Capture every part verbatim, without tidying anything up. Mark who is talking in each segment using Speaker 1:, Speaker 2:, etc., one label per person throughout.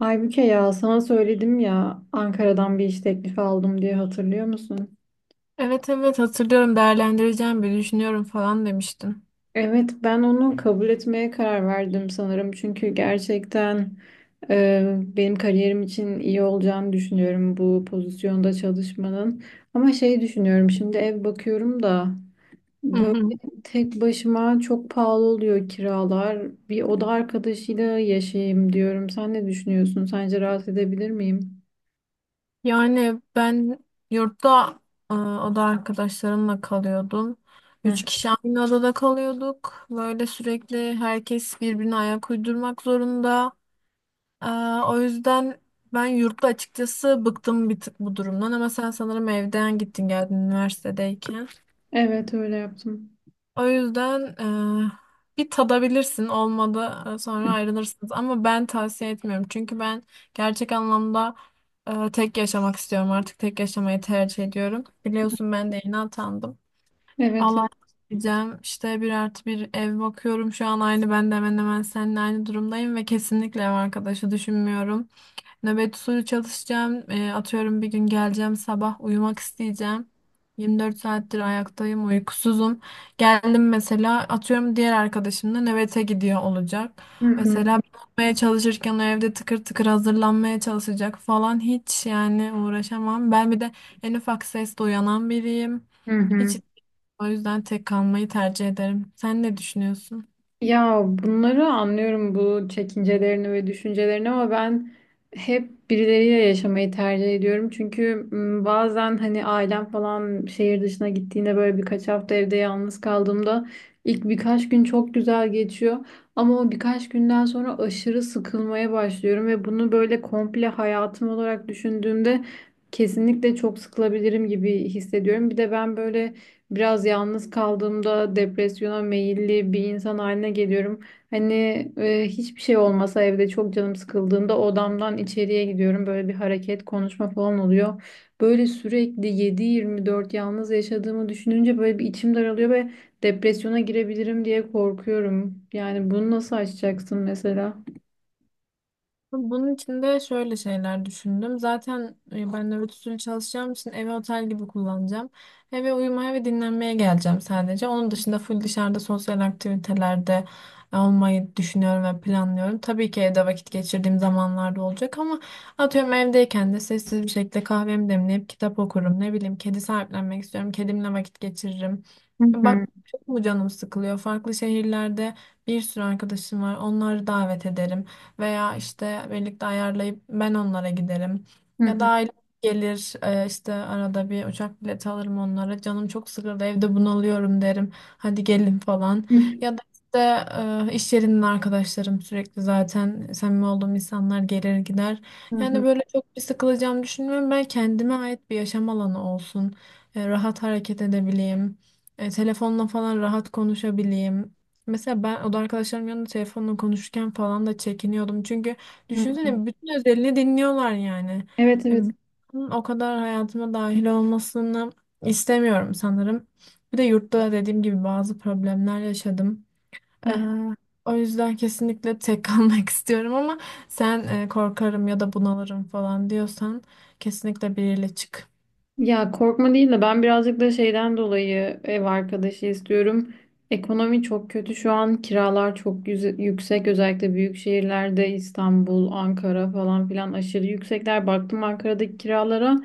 Speaker 1: Aybüke, ya sana söyledim ya, Ankara'dan bir iş teklifi aldım diye, hatırlıyor musun?
Speaker 2: Evet evet hatırlıyorum değerlendireceğim bir düşünüyorum falan demiştin.
Speaker 1: Evet, ben onu kabul etmeye karar verdim sanırım çünkü gerçekten e, benim kariyerim için iyi olacağını düşünüyorum bu pozisyonda çalışmanın. Ama şey düşünüyorum, şimdi ev bakıyorum da
Speaker 2: Hı
Speaker 1: böyle
Speaker 2: hı.
Speaker 1: tek başıma çok pahalı oluyor kiralar. Bir oda arkadaşıyla yaşayayım diyorum. Sen ne düşünüyorsun? Sence rahat edebilir miyim?
Speaker 2: Yani ben yurtta e, oda arkadaşlarımla kalıyordum.
Speaker 1: Heh.
Speaker 2: Üç kişi aynı odada kalıyorduk. Böyle sürekli herkes birbirine ayak uydurmak zorunda. E, O yüzden ben yurtta açıkçası bıktım bir tık bu durumdan ama sen sanırım evden gittin geldin üniversitedeyken.
Speaker 1: Evet, öyle yaptım.
Speaker 2: O yüzden eee, bir tadabilirsin olmadı, e, sonra ayrılırsınız ama ben tavsiye etmiyorum çünkü ben gerçek anlamda e, tek yaşamak istiyorum, artık tek yaşamayı tercih ediyorum. Biliyorsun ben de yeni atandım,
Speaker 1: Evet.
Speaker 2: Allah diyeceğim işte, bir artı bir ev bakıyorum şu an. Aynı ben de hemen hemen seninle aynı durumdayım ve kesinlikle ev arkadaşı düşünmüyorum. Nöbet usulü çalışacağım. Eee, atıyorum bir gün geleceğim sabah uyumak isteyeceğim. yirmi dört saattir ayaktayım, uykusuzum. Geldim mesela, atıyorum diğer arkadaşım da nöbete gidiyor olacak.
Speaker 1: Hı hı.
Speaker 2: Mesela ben uyumaya çalışırken o evde tıkır tıkır hazırlanmaya çalışacak falan, hiç yani uğraşamam. Ben bir de en ufak sesle uyanan biriyim.
Speaker 1: Hı
Speaker 2: Hiç,
Speaker 1: hı.
Speaker 2: o yüzden tek kalmayı tercih ederim. Sen ne düşünüyorsun?
Speaker 1: Ya, bunları anlıyorum, bu çekincelerini ve düşüncelerini, ama ben hep birileriyle yaşamayı tercih ediyorum. Çünkü m, bazen hani ailem falan şehir dışına gittiğinde, böyle birkaç hafta evde yalnız kaldığımda ilk birkaç gün çok güzel geçiyor. Ama o birkaç günden sonra aşırı sıkılmaya başlıyorum ve bunu böyle komple hayatım olarak düşündüğümde kesinlikle çok sıkılabilirim gibi hissediyorum. Bir de ben böyle biraz yalnız kaldığımda depresyona meyilli bir insan haline geliyorum. Hani e, hiçbir şey olmasa evde çok canım sıkıldığında odamdan içeriye gidiyorum. Böyle bir hareket, konuşma falan oluyor. Böyle sürekli yedi yirmi dört yalnız yaşadığımı düşününce böyle bir içim daralıyor ve depresyona girebilirim diye korkuyorum. Yani bunu nasıl aşacaksın mesela?
Speaker 2: Bunun için de şöyle şeyler düşündüm. Zaten e, ben nöbet usulü çalışacağım için evi otel gibi kullanacağım. Eve uyumaya ve dinlenmeye geleceğim sadece. Onun dışında full dışarıda sosyal aktivitelerde olmayı düşünüyorum ve planlıyorum. Tabii ki evde vakit geçirdiğim zamanlarda olacak ama atıyorum evdeyken de sessiz bir şekilde kahvemi demleyip kitap okurum. Ne bileyim, kedi sahiplenmek istiyorum. Kedimle vakit geçiririm.
Speaker 1: Hı
Speaker 2: Bak
Speaker 1: hı.
Speaker 2: çok mu canım sıkılıyor? Farklı şehirlerde bir sürü arkadaşım var. Onları davet ederim veya işte birlikte ayarlayıp ben onlara giderim.
Speaker 1: Hı
Speaker 2: Ya da
Speaker 1: hı.
Speaker 2: aile gelir, e, işte arada bir uçak bileti alırım onlara. Canım çok sıkıldı evde bunalıyorum derim. Hadi gelin falan. Ya da işte e, iş yerinin arkadaşlarım sürekli, zaten samimi olduğum insanlar gelir gider.
Speaker 1: Hı
Speaker 2: Yani
Speaker 1: hı.
Speaker 2: böyle çok bir sıkılacağımı düşünmüyorum. Ben kendime ait bir yaşam alanı olsun. E, rahat hareket edebileyim. E, telefonla falan rahat konuşabileyim. Mesela ben oda arkadaşlarım yanında telefonla konuşurken falan da çekiniyordum. Çünkü
Speaker 1: Hı hı.
Speaker 2: düşünsene bütün özelini dinliyorlar yani.
Speaker 1: Evet,
Speaker 2: E,
Speaker 1: evet.
Speaker 2: Bunun o kadar hayatıma dahil olmasını istemiyorum sanırım. Bir de yurtta da dediğim gibi bazı problemler yaşadım. E, O yüzden kesinlikle tek kalmak istiyorum ama sen e, korkarım ya da bunalırım falan diyorsan kesinlikle biriyle çık.
Speaker 1: Ya, korkma değil de ben birazcık da şeyden dolayı ev arkadaşı istiyorum. Ekonomi çok kötü şu an, kiralar çok yüze- yüksek, özellikle büyük şehirlerde İstanbul, Ankara falan filan aşırı yüksekler. Baktım Ankara'daki kiralara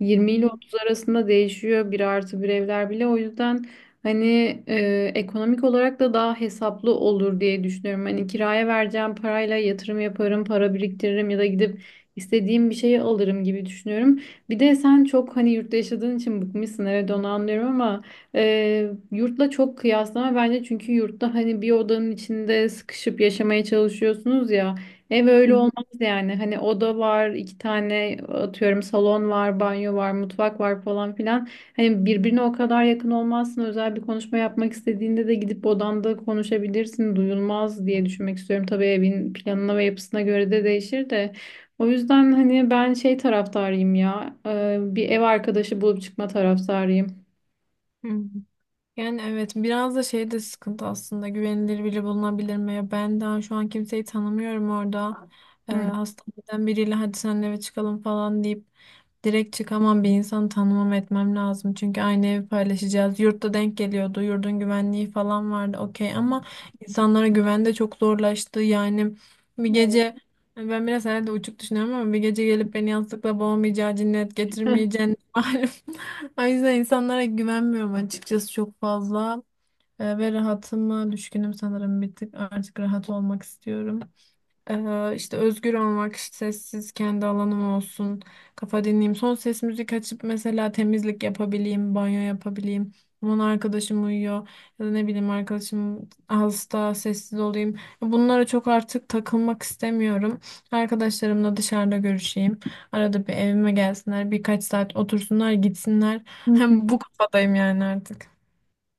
Speaker 1: yirmi
Speaker 2: Hı
Speaker 1: ile
Speaker 2: hı,
Speaker 1: otuz arasında değişiyor bir artı bir evler bile. O yüzden hani e, ekonomik olarak da daha hesaplı olur diye düşünüyorum. Hani kiraya vereceğim parayla yatırım yaparım, para biriktiririm ya da gidip istediğim bir şeyi alırım gibi düşünüyorum. Bir de sen çok hani yurtta yaşadığın için bıkmışsın, evet onu anlıyorum ama e, yurtla çok kıyaslama bence, çünkü yurtta hani bir odanın içinde sıkışıp yaşamaya çalışıyorsunuz ya, ev
Speaker 2: hı
Speaker 1: öyle
Speaker 2: hı,
Speaker 1: olmaz yani. Hani oda var iki tane, atıyorum salon var, banyo var, mutfak var falan filan, hani birbirine o kadar yakın olmazsın. Özel bir konuşma yapmak istediğinde de gidip odanda konuşabilirsin, duyulmaz diye düşünmek istiyorum. Tabii evin planına ve yapısına göre de değişir de. O yüzden hani ben şey taraftarıyım ya. e, Bir ev arkadaşı bulup çıkma taraftarıyım.
Speaker 2: hı hı. Yani evet, biraz da şey de sıkıntı aslında, güvenilir biri bulunabilir mi? Ya ben daha şu an kimseyi tanımıyorum orada. Ee,
Speaker 1: Hı.
Speaker 2: hastaneden biriyle hadi senle eve çıkalım falan deyip direkt çıkamam, bir insanı tanımam etmem lazım. Çünkü aynı evi paylaşacağız. Yurtta denk geliyordu. Yurdun güvenliği falan vardı, okey, ama insanlara güven de çok zorlaştı. Yani bir
Speaker 1: Evet.
Speaker 2: gece, ben biraz herhalde uçuk düşünüyorum ama, bir gece gelip beni yastıkla boğmayacağı, cinnet getirmeyeceğini malum. O yüzden insanlara güvenmiyorum açıkçası çok fazla. Ee, ve rahatıma düşkünüm sanırım bir tık. Artık rahat olmak istiyorum. Ee, işte özgür olmak, işte sessiz kendi alanım olsun, kafa dinleyeyim. Son ses müzik açıp mesela temizlik yapabileyim, banyo yapabileyim. Aman arkadaşım uyuyor, ya da ne bileyim arkadaşım hasta, sessiz olayım. Bunlara çok artık takılmak istemiyorum. Arkadaşlarımla dışarıda görüşeyim. Arada bir evime gelsinler, birkaç saat otursunlar, gitsinler. Hem bu kafadayım yani artık.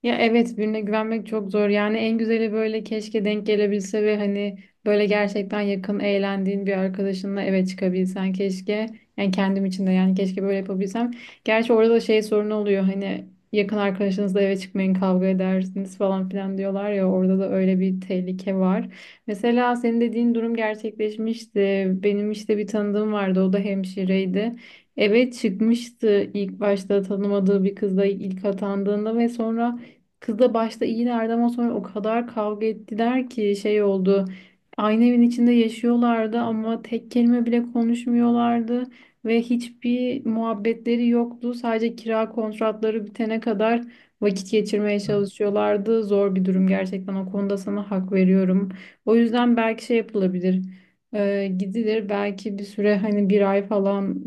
Speaker 1: Ya, evet, birine güvenmek çok zor. Yani en güzeli böyle, keşke denk gelebilse ve hani böyle gerçekten yakın, eğlendiğin bir arkadaşınla eve çıkabilsen keşke. Yani kendim için de yani, keşke böyle yapabilsem. Gerçi orada da şey sorunu oluyor, hani yakın arkadaşınızla eve çıkmayın, kavga edersiniz falan filan diyorlar ya, orada da öyle bir tehlike var. Mesela senin dediğin durum gerçekleşmişti. Benim işte bir tanıdığım vardı, o da hemşireydi. Eve çıkmıştı ilk başta tanımadığı bir kızla, ilk atandığında, ve sonra kızla başta iyilerdi ama sonra o kadar kavga ettiler ki şey oldu. Aynı evin içinde yaşıyorlardı ama tek kelime bile konuşmuyorlardı ve hiçbir muhabbetleri yoktu. Sadece kira kontratları bitene kadar vakit geçirmeye çalışıyorlardı. Zor bir durum gerçekten, o konuda sana hak veriyorum. O yüzden belki şey yapılabilir. Ee, gidilir belki bir süre, hani bir ay falan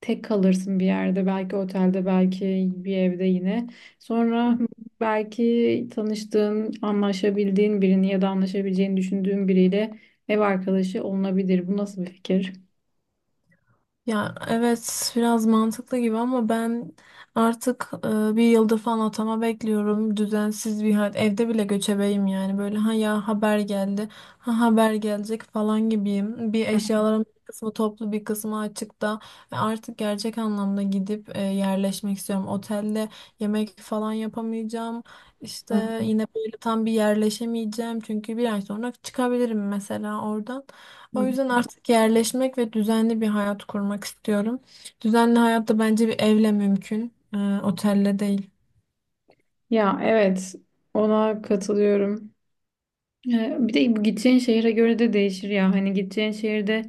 Speaker 1: tek kalırsın bir yerde, belki otelde, belki bir evde yine. Sonra belki tanıştığın, anlaşabildiğin birini ya da anlaşabileceğini düşündüğün biriyle ev arkadaşı olunabilir. Bu nasıl bir fikir?
Speaker 2: Ya evet, biraz mantıklı gibi ama ben artık, e, bir yıldır falan atama bekliyorum. Düzensiz bir hayat. Evde bile göçebeyim yani. Böyle ha ya haber geldi, ha haber gelecek falan gibiyim. Bir eşyaların bir kısmı toplu, bir kısmı açıkta. Ve artık gerçek anlamda gidip e, yerleşmek istiyorum. Otelde yemek falan yapamayacağım.
Speaker 1: Hı.
Speaker 2: İşte yine böyle tam bir yerleşemeyeceğim. Çünkü bir ay sonra çıkabilirim mesela oradan. O yüzden artık yerleşmek ve düzenli bir hayat kurmak istiyorum. Düzenli hayat da bence bir evle mümkün, e, otelle değil.
Speaker 1: Ya, evet, ona katılıyorum. Ee, Bir de bu gideceğin şehire göre de değişir ya. Hani gideceğin şehirde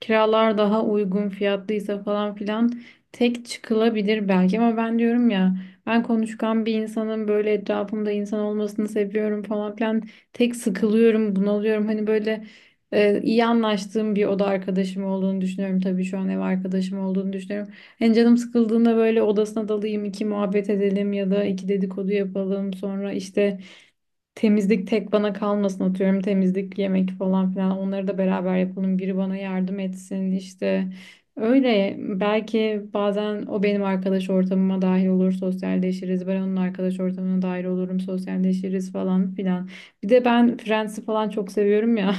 Speaker 1: kiralar daha uygun fiyatlıysa falan filan tek çıkılabilir belki, ama ben diyorum ya, ben konuşkan bir insanın, böyle etrafımda insan olmasını seviyorum falan filan. Tek sıkılıyorum, bunalıyorum. Hani böyle e, iyi anlaştığım bir oda arkadaşım olduğunu düşünüyorum, tabii şu an ev arkadaşım olduğunu düşünüyorum. Hani canım sıkıldığında böyle odasına dalayım, iki muhabbet edelim ya da iki dedikodu yapalım. Sonra işte temizlik tek bana kalmasın, atıyorum temizlik, yemek falan filan, onları da beraber yapalım, biri bana yardım etsin işte. Öyle belki bazen o benim arkadaş ortamıma dahil olur, sosyalleşiriz, ben onun arkadaş ortamına dahil olurum, sosyalleşiriz falan filan. Bir de ben Friends'i falan çok seviyorum ya,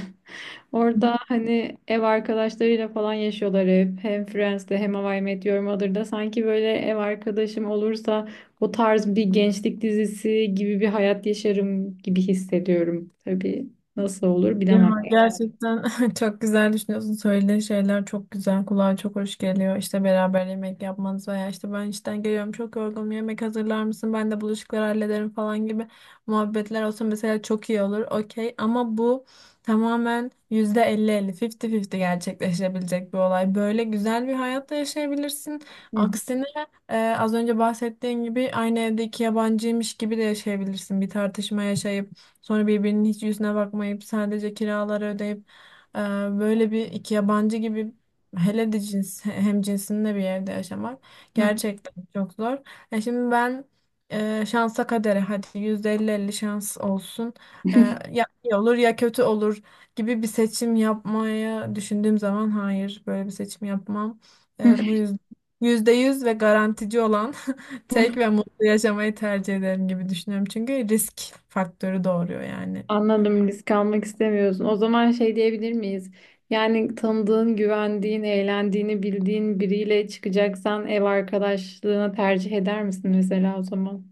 Speaker 1: orada hani ev arkadaşlarıyla falan yaşıyorlar hep. Hem Friends'te hem How I Met Your Mother'da sanki, böyle ev arkadaşım olursa o tarz bir gençlik dizisi gibi bir hayat yaşarım gibi hissediyorum. Tabii nasıl olur
Speaker 2: Ya
Speaker 1: bilemem.
Speaker 2: gerçekten çok güzel düşünüyorsun. Söylediğin şeyler çok güzel. Kulağa çok hoş geliyor. İşte beraber yemek yapmanız veya işte ben işten geliyorum çok yorgunum yemek hazırlar mısın, ben de bulaşıkları hallederim falan gibi muhabbetler olsa mesela çok iyi olur. Okey, ama bu tamamen yüzde elli elli, 50-50 gerçekleşebilecek bir olay. Böyle güzel bir hayatta yaşayabilirsin. Aksine, e, az önce bahsettiğin gibi aynı evde iki yabancıymış gibi de yaşayabilirsin. Bir tartışma yaşayıp sonra birbirinin hiç yüzüne bakmayıp sadece kiraları ödeyip, e, böyle bir iki yabancı gibi, hele de cins hem cinsinde bir yerde yaşamak gerçekten çok zor. E şimdi ben, e, şansa kadere hadi yüzde elli elli şans olsun, E, ya iyi olur ya kötü olur gibi bir seçim yapmaya düşündüğüm zaman hayır, böyle bir seçim yapmam. E, bu yüzden yüzde yüz ve garantici olan tek ve mutlu yaşamayı tercih ederim gibi düşünüyorum. Çünkü risk faktörü doğuruyor yani.
Speaker 1: Anladım, risk almak istemiyorsun. O zaman şey diyebilir miyiz? Yani tanıdığın, güvendiğin, eğlendiğini bildiğin biriyle çıkacaksan ev arkadaşlığına tercih eder misin mesela o zaman?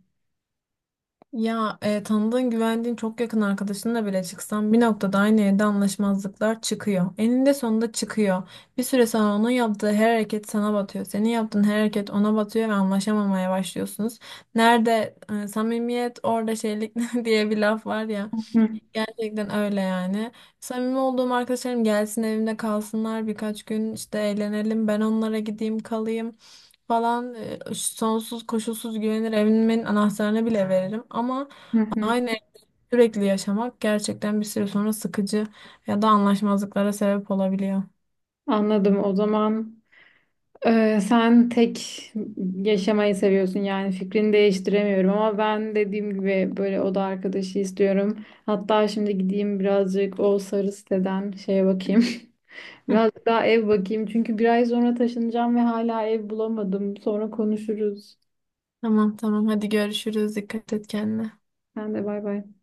Speaker 2: Ya e, tanıdığın, güvendiğin çok yakın arkadaşınla bile çıksan bir noktada aynı evde anlaşmazlıklar çıkıyor. Eninde sonunda çıkıyor. Bir süre sonra onun yaptığı her hareket sana batıyor. Senin yaptığın her hareket ona batıyor ve anlaşamamaya başlıyorsunuz. Nerede e, samimiyet orada şeylik diye bir laf var ya. Gerçekten öyle yani. Samimi olduğum arkadaşlarım gelsin evimde kalsınlar birkaç gün, işte eğlenelim ben onlara gideyim kalayım falan. Ee, sonsuz koşulsuz güvenir, evimin anahtarını bile veririm ama aynı evde sürekli yaşamak gerçekten bir süre sonra sıkıcı ya da anlaşmazlıklara sebep olabiliyor.
Speaker 1: Anladım. O zaman e, sen tek yaşamayı seviyorsun yani, fikrini değiştiremiyorum, ama ben dediğim gibi böyle oda arkadaşı istiyorum. Hatta şimdi gideyim birazcık o sarı siteden şeye bakayım. Birazcık daha ev bakayım çünkü bir ay sonra taşınacağım ve hala ev bulamadım. Sonra konuşuruz.
Speaker 2: Tamam tamam hadi görüşürüz, dikkat et kendine.
Speaker 1: Sen de, bay bay.